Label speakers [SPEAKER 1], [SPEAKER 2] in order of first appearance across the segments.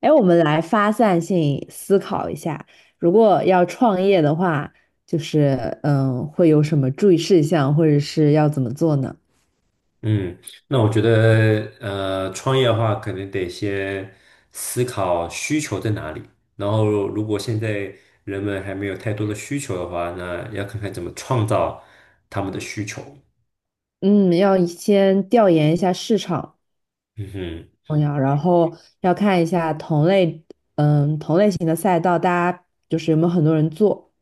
[SPEAKER 1] 哎，我们来发散性思考一下，如果要创业的话，就是会有什么注意事项，或者是要怎么做呢？
[SPEAKER 2] 嗯，那我觉得，创业的话，可能得先思考需求在哪里。然后，如果现在人们还没有太多的需求的话，那要看看怎么创造他们的需求。
[SPEAKER 1] 嗯，要先调研一下市场
[SPEAKER 2] 嗯哼，
[SPEAKER 1] 重要，然后要看一下同类，同类型的赛道，大家就是有没有很多人做，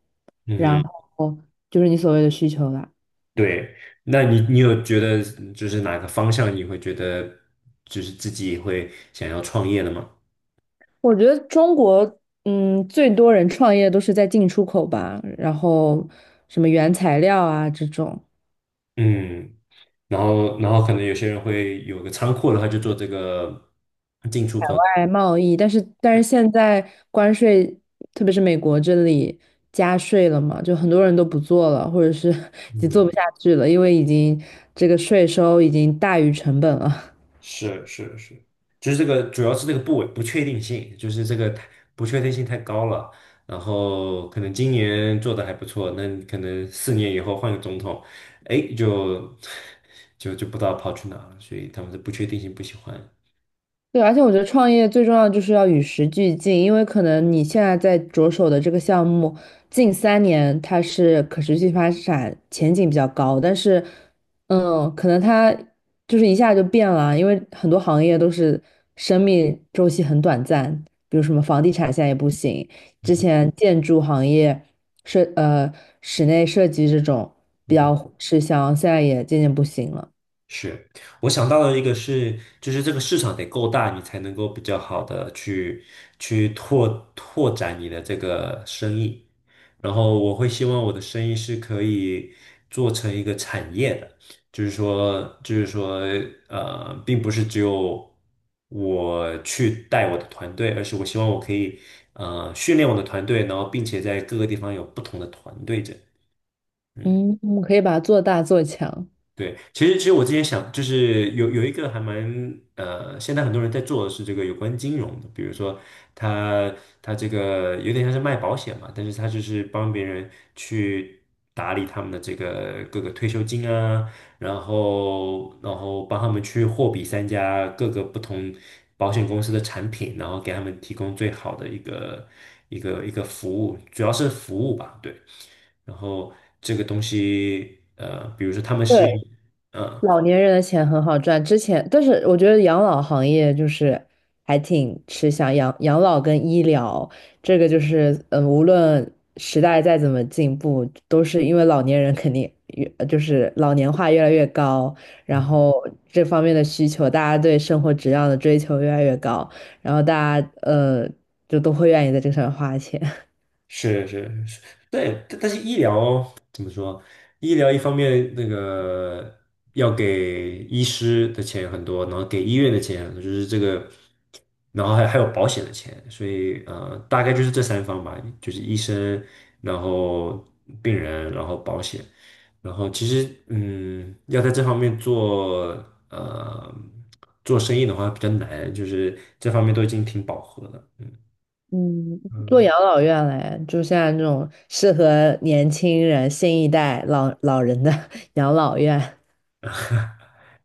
[SPEAKER 2] 嗯
[SPEAKER 1] 然
[SPEAKER 2] 哼，
[SPEAKER 1] 后就是你所谓的需求啦。
[SPEAKER 2] 对。那你有觉得就是哪个方向你会觉得就是自己会想要创业的吗？
[SPEAKER 1] 我觉得中国，最多人创业都是在进出口吧，然后什么原材料啊这种。
[SPEAKER 2] 嗯，然后可能有些人会有个仓库的话，就做这个进出口。
[SPEAKER 1] 外贸易，但是
[SPEAKER 2] 对，
[SPEAKER 1] 现在关税，特别是美国这里加税了嘛，就很多人都不做了，或者是 已经做不
[SPEAKER 2] 嗯。
[SPEAKER 1] 下去了，因为已经这个税收已经大于成本了。
[SPEAKER 2] 是是是，就是这个主要是这个不确定性，就是这个太不确定性太高了。然后可能今年做的还不错，那你可能4年以后换个总统，哎，就 就不知道跑去哪了。所以他们的不确定性不喜欢。
[SPEAKER 1] 对，而且我觉得创业最重要的就是要与时俱进，因为可能你现在在着手的这个项目，近三年它是可持续发展前景比较高，但是，可能它就是一下就变了，因为很多行业都是生命周期很短暂，比如什么房地产现在也不行，之
[SPEAKER 2] 嗯
[SPEAKER 1] 前建筑行业设呃室内设计这种比
[SPEAKER 2] 哼，
[SPEAKER 1] 较吃香，现在也渐渐不行了。
[SPEAKER 2] 是，我想到的一个是，就是这个市场得够大，你才能够比较好的去拓展你的这个生意。然后我会希望我的生意是可以做成一个产业的，就是说，并不是只有我去带我的团队，而是我希望我可以训练我的团队，然后并且在各个地方有不同的团队者。
[SPEAKER 1] 嗯，我们可以把它做大做强。
[SPEAKER 2] 对，其实我之前想，就是有一个还蛮现在很多人在做的是这个有关金融的，比如说他他这个有点像是卖保险嘛，但是他就是帮别人去打理他们的这个各个退休金啊，然后帮他们去货比三家各个不同保险公司的产品，然后给他们提供最好的一个服务，主要是服务吧，对。然后这个东西，比如说他们是，
[SPEAKER 1] 对。
[SPEAKER 2] 嗯，
[SPEAKER 1] 老年人的钱很好赚，之前，但是我觉得养老行业就是还挺吃香，养老跟医疗这个就是，无论时代再怎么进步，都是因为老年人肯定就是老年化越来越高，然后这方面的需求，大家对生活质量的追求越来越高，然后大家就都会愿意在这上面花钱。
[SPEAKER 2] 是是是，对，但是医疗。说医疗一方面那个要给医师的钱很多，然后给医院的钱很多就是这个，然后还有保险的钱，所以大概就是这三方吧，就是医生，然后病人，然后保险，然后其实要在这方面做呃做生意的话比较难，就是这方面都已经挺饱和了，
[SPEAKER 1] 嗯，做养老院嘞，就像那种适合年轻人、新一代老人的 养老院。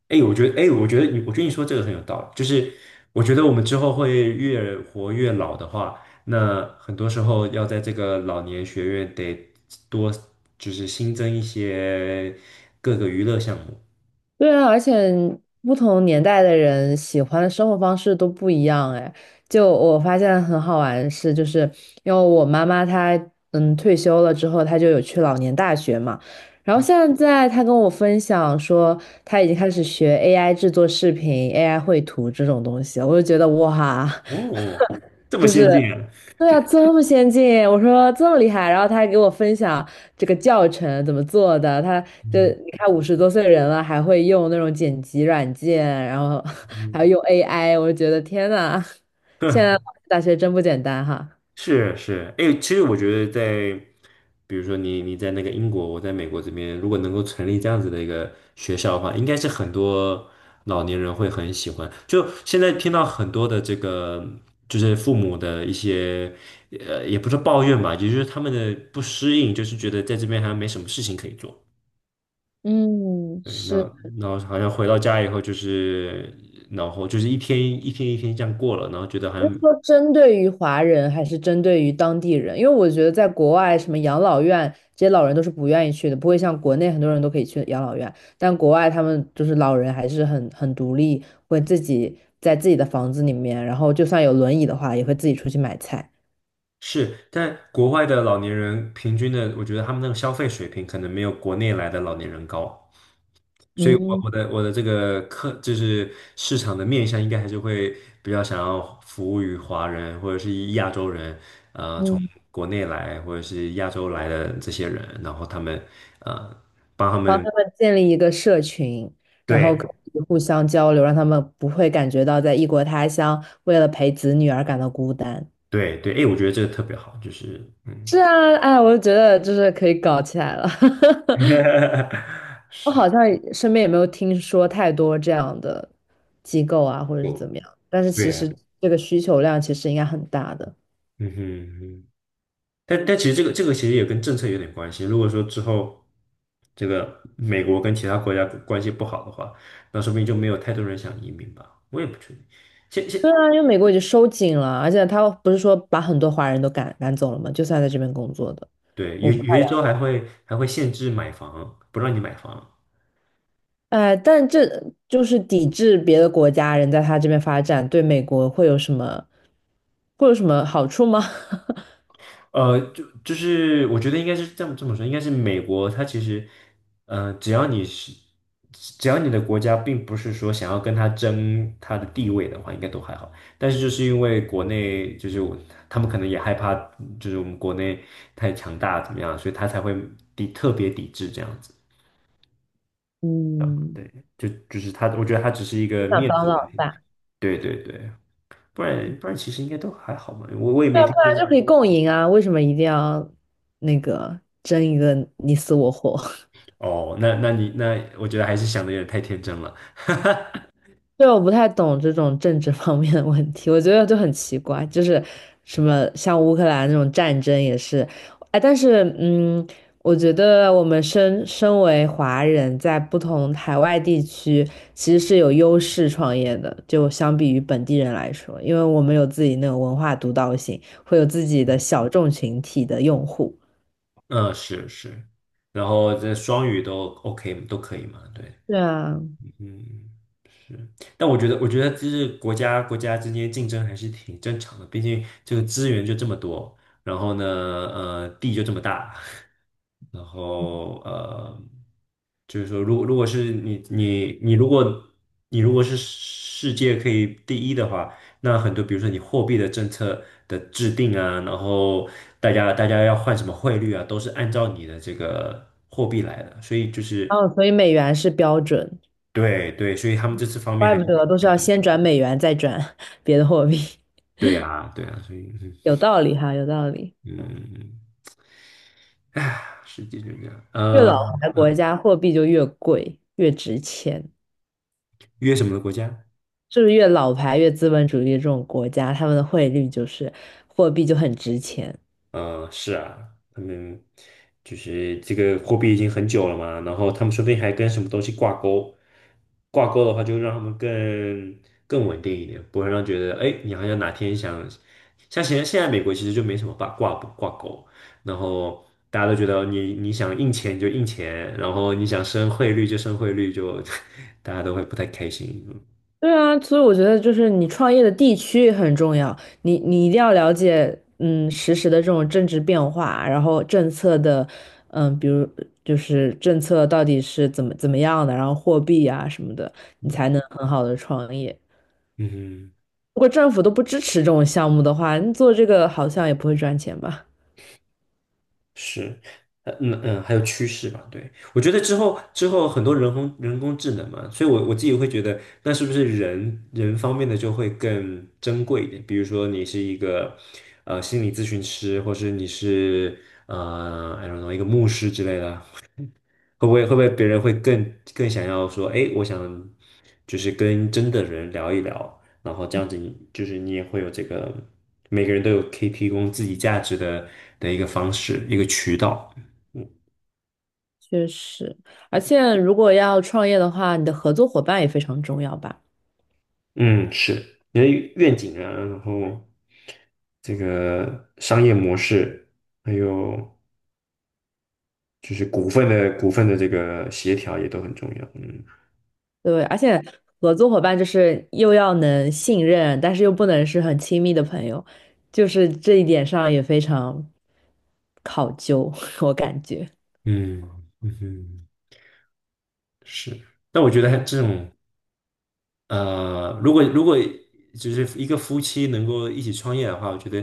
[SPEAKER 2] 哎，我觉得，哎，我觉得你说这个很有道理。就是我觉得我们之后会越活越老的话，那很多时候要在这个老年学院得多，就是新增一些各个娱乐项目。
[SPEAKER 1] 对啊，而且不同年代的人喜欢的生活方式都不一样哎。就我发现很好玩的事，就是因为我妈妈她退休了之后，她就有去老年大学嘛。然后现在她跟我分享说，她已经开始学 AI 制作视频、AI 绘图这种东西，我就觉得哇。
[SPEAKER 2] 哦，这么
[SPEAKER 1] 就
[SPEAKER 2] 先
[SPEAKER 1] 是
[SPEAKER 2] 进啊！
[SPEAKER 1] 对啊，这么先进，我说这么厉害，然后他还给我分享这个教程怎么做的，他就
[SPEAKER 2] 嗯
[SPEAKER 1] 你看五十多岁人了，还会用那种剪辑软件，然后
[SPEAKER 2] 嗯，
[SPEAKER 1] 还要用 AI，我就觉得天呐，现在 大学真不简单哈。
[SPEAKER 2] 是是，哎，其实我觉得在，比如说你在那个英国，我在美国这边，如果能够成立这样子的一个学校的话，应该是很多老年人会很喜欢。就现在听到很多的这个，就是父母的一些，也不是抱怨吧，也就是他们的不适应，就是觉得在这边好像没什么事情可以做。
[SPEAKER 1] 嗯，
[SPEAKER 2] 对，那
[SPEAKER 1] 是，
[SPEAKER 2] 然后好像回到家以后，就是然后就是一天一天一天这样过了，然后觉得好
[SPEAKER 1] 你
[SPEAKER 2] 像
[SPEAKER 1] 是说针对于华人还是针对于当地人？因为我觉得在国外，什么养老院这些老人都是不愿意去的，不会像国内很多人都可以去养老院，但国外他们就是老人还是很独立，会自己在自己的房子里面，然后就算有轮椅的话，也会自己出去买菜。
[SPEAKER 2] 是，但国外的老年人平均的，我觉得他们那个消费水平可能没有国内来的老年人高，所以我
[SPEAKER 1] 嗯
[SPEAKER 2] 我的我的这个客就是市场的面向，应该还是会比较想要服务于华人或者是以亚洲人，
[SPEAKER 1] 嗯，
[SPEAKER 2] 国内来或者是亚洲来的这些人，然后他们呃帮他
[SPEAKER 1] 帮他
[SPEAKER 2] 们，
[SPEAKER 1] 们建立一个社群，然后
[SPEAKER 2] 对
[SPEAKER 1] 可以互相交流，让他们不会感觉到在异国他乡为了陪子女而感到孤单。
[SPEAKER 2] 对对，哎，我觉得这个特别好，就是
[SPEAKER 1] 是啊，哎，我就觉得就是可以搞起来了。我好像也身边也没有听说太多这样的机构啊，或者是怎
[SPEAKER 2] 就
[SPEAKER 1] 么样。但是其
[SPEAKER 2] 对啊，
[SPEAKER 1] 实这个需求量其实应该很大的。
[SPEAKER 2] 嗯哼。嗯哼，但其实这个其实也跟政策有点关系。如果说之后这个美国跟其他国家关系不好的话，那说不定就没有太多人想移民吧。我也不确定。现现
[SPEAKER 1] 对啊，因为美国已经收紧了，而且他不是说把很多华人都赶走了吗？就算在这边工作的，
[SPEAKER 2] 对，
[SPEAKER 1] 我
[SPEAKER 2] 有
[SPEAKER 1] 不太
[SPEAKER 2] 有一州
[SPEAKER 1] 了
[SPEAKER 2] 还会限制买房，不让你买房。
[SPEAKER 1] 哎，但这就是抵制别的国家人在他这边发展，对美国会有什么好处吗？
[SPEAKER 2] 就是我觉得应该是这么说，应该是美国，它其实，呃，只要你是，只要你的国家并不是说想要跟他争他的地位的话，应该都还好。但是就是因为国内就是我他们可能也害怕，就是我们国内太强大怎么样，所以他才会特别抵制这样子。
[SPEAKER 1] 嗯，
[SPEAKER 2] 对，就是我觉得他只是一
[SPEAKER 1] 不
[SPEAKER 2] 个
[SPEAKER 1] 想
[SPEAKER 2] 面
[SPEAKER 1] 当
[SPEAKER 2] 子问
[SPEAKER 1] 老
[SPEAKER 2] 题。
[SPEAKER 1] 大。
[SPEAKER 2] 对对对，不然其实应该都还好嘛。我也
[SPEAKER 1] 对
[SPEAKER 2] 没
[SPEAKER 1] 啊，不
[SPEAKER 2] 听
[SPEAKER 1] 然就可以
[SPEAKER 2] 过。
[SPEAKER 1] 共赢啊，为什么一定要那个争一个你死我活？
[SPEAKER 2] 哦，那我觉得还是想的有点太天真了。
[SPEAKER 1] 对，我不太懂这种政治方面的问题，我觉得就很奇怪，就是什么像乌克兰那种战争也是，哎，但是我觉得我们身为华人，在不同海外地区其实是有优势创业的，就相比于本地人来说，因为我们有自己那种文化独到性，会有自己的小众群体的用户。
[SPEAKER 2] 嗯，是是，然后这双语都 OK 都可以嘛？对，
[SPEAKER 1] 对啊，
[SPEAKER 2] 嗯，是。但我觉得就是国家之间竞争还是挺正常的，毕竟这个资源就这么多，然后呢，地就这么大，然后就是说，如果如果是世界可以第一的话，那很多比如说你货币的政策的制定啊，然后大家要换什么汇率啊，都是按照你的这个货币来的，所以就是
[SPEAKER 1] 哦，所以美元是标准，
[SPEAKER 2] 对对，所以他们这次方面
[SPEAKER 1] 怪
[SPEAKER 2] 还
[SPEAKER 1] 不
[SPEAKER 2] 是
[SPEAKER 1] 得
[SPEAKER 2] 挺
[SPEAKER 1] 都是
[SPEAKER 2] 看
[SPEAKER 1] 要
[SPEAKER 2] 重。
[SPEAKER 1] 先转美元再转 别的货币，
[SPEAKER 2] 对啊对啊，所以
[SPEAKER 1] 有道理哈，有道理。
[SPEAKER 2] 嗯嗯，世界就这样。
[SPEAKER 1] 越老牌国家货币就越贵，越值钱，
[SPEAKER 2] 约什么国家？
[SPEAKER 1] 是不是越老牌越资本主义这种国家，他们的汇率就是货币就很值钱。
[SPEAKER 2] 嗯，是啊，他们就是这个货币已经很久了嘛，然后他们说不定还跟什么东西挂钩，挂钩的话就让他们更稳定一点，不会让觉得哎，诶你好像哪天想，像现在美国其实就没什么挂钩，然后大家都觉得你想印钱就印钱，然后你想升汇率就升汇率就，大家都会不太开心，
[SPEAKER 1] 对啊，所以我觉得就是你创业的地区也很重要，你一定要了解，实时的这种政治变化，然后政策的，比如就是政策到底是怎么样的，然后货币啊什么的，你
[SPEAKER 2] 嗯
[SPEAKER 1] 才能很好的创业。
[SPEAKER 2] 嗯哼。
[SPEAKER 1] 如果政府都不支持这种项目的话，你做这个好像也不会赚钱吧？
[SPEAKER 2] 是，还有趋势吧，对，我觉得之后很多人工智能嘛，所以我自己会觉得，那是不是人方面的就会更珍贵一点？比如说你是一个心理咨询师，或是你是I don't know 一个牧师之类的，会不会别人会更想要说，哎，我想就是跟真的人聊一聊，然后这样子你就是你也会有这个，每个人都有可以提供自己价值的一个方式，一个渠道。
[SPEAKER 1] 确实，而且如果要创业的话，你的合作伙伴也非常重要吧。
[SPEAKER 2] 嗯，是你的愿景啊，然后这个商业模式，还有就是股份的这个协调也都很重要。嗯
[SPEAKER 1] 对，而且合作伙伴就是又要能信任，但是又不能是很亲密的朋友，就是这一点上也非常考究，我感觉。
[SPEAKER 2] 嗯嗯哼，是。但我觉得这种如果就是一个夫妻能够一起创业的话，我觉得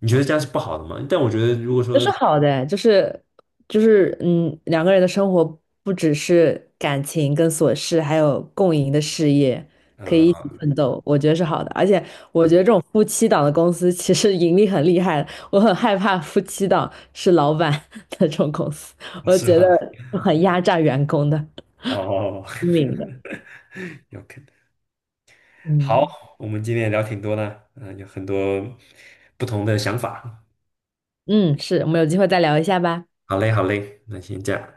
[SPEAKER 2] 你觉得这样是不好的吗？但我觉得如果
[SPEAKER 1] 这
[SPEAKER 2] 说
[SPEAKER 1] 是好的，就是两个人的生活不只是感情跟琐事，还有共赢的事业，可以一起
[SPEAKER 2] 呃，
[SPEAKER 1] 奋斗，我觉得是好的。而且我觉得
[SPEAKER 2] 嗯，
[SPEAKER 1] 这种夫妻档的公司其实盈利很厉害的，我很害怕夫妻档是老板 的这种公司，我
[SPEAKER 2] 是
[SPEAKER 1] 觉得
[SPEAKER 2] 吧？
[SPEAKER 1] 很压榨员工的，
[SPEAKER 2] 哦
[SPEAKER 1] 聪明的。
[SPEAKER 2] ，OK。
[SPEAKER 1] 嗯
[SPEAKER 2] 好，我们今天也聊挺多的，有很多不同的想法。
[SPEAKER 1] 嗯，是，我们有机会再聊一下吧。
[SPEAKER 2] 好嘞，好嘞，那先这样，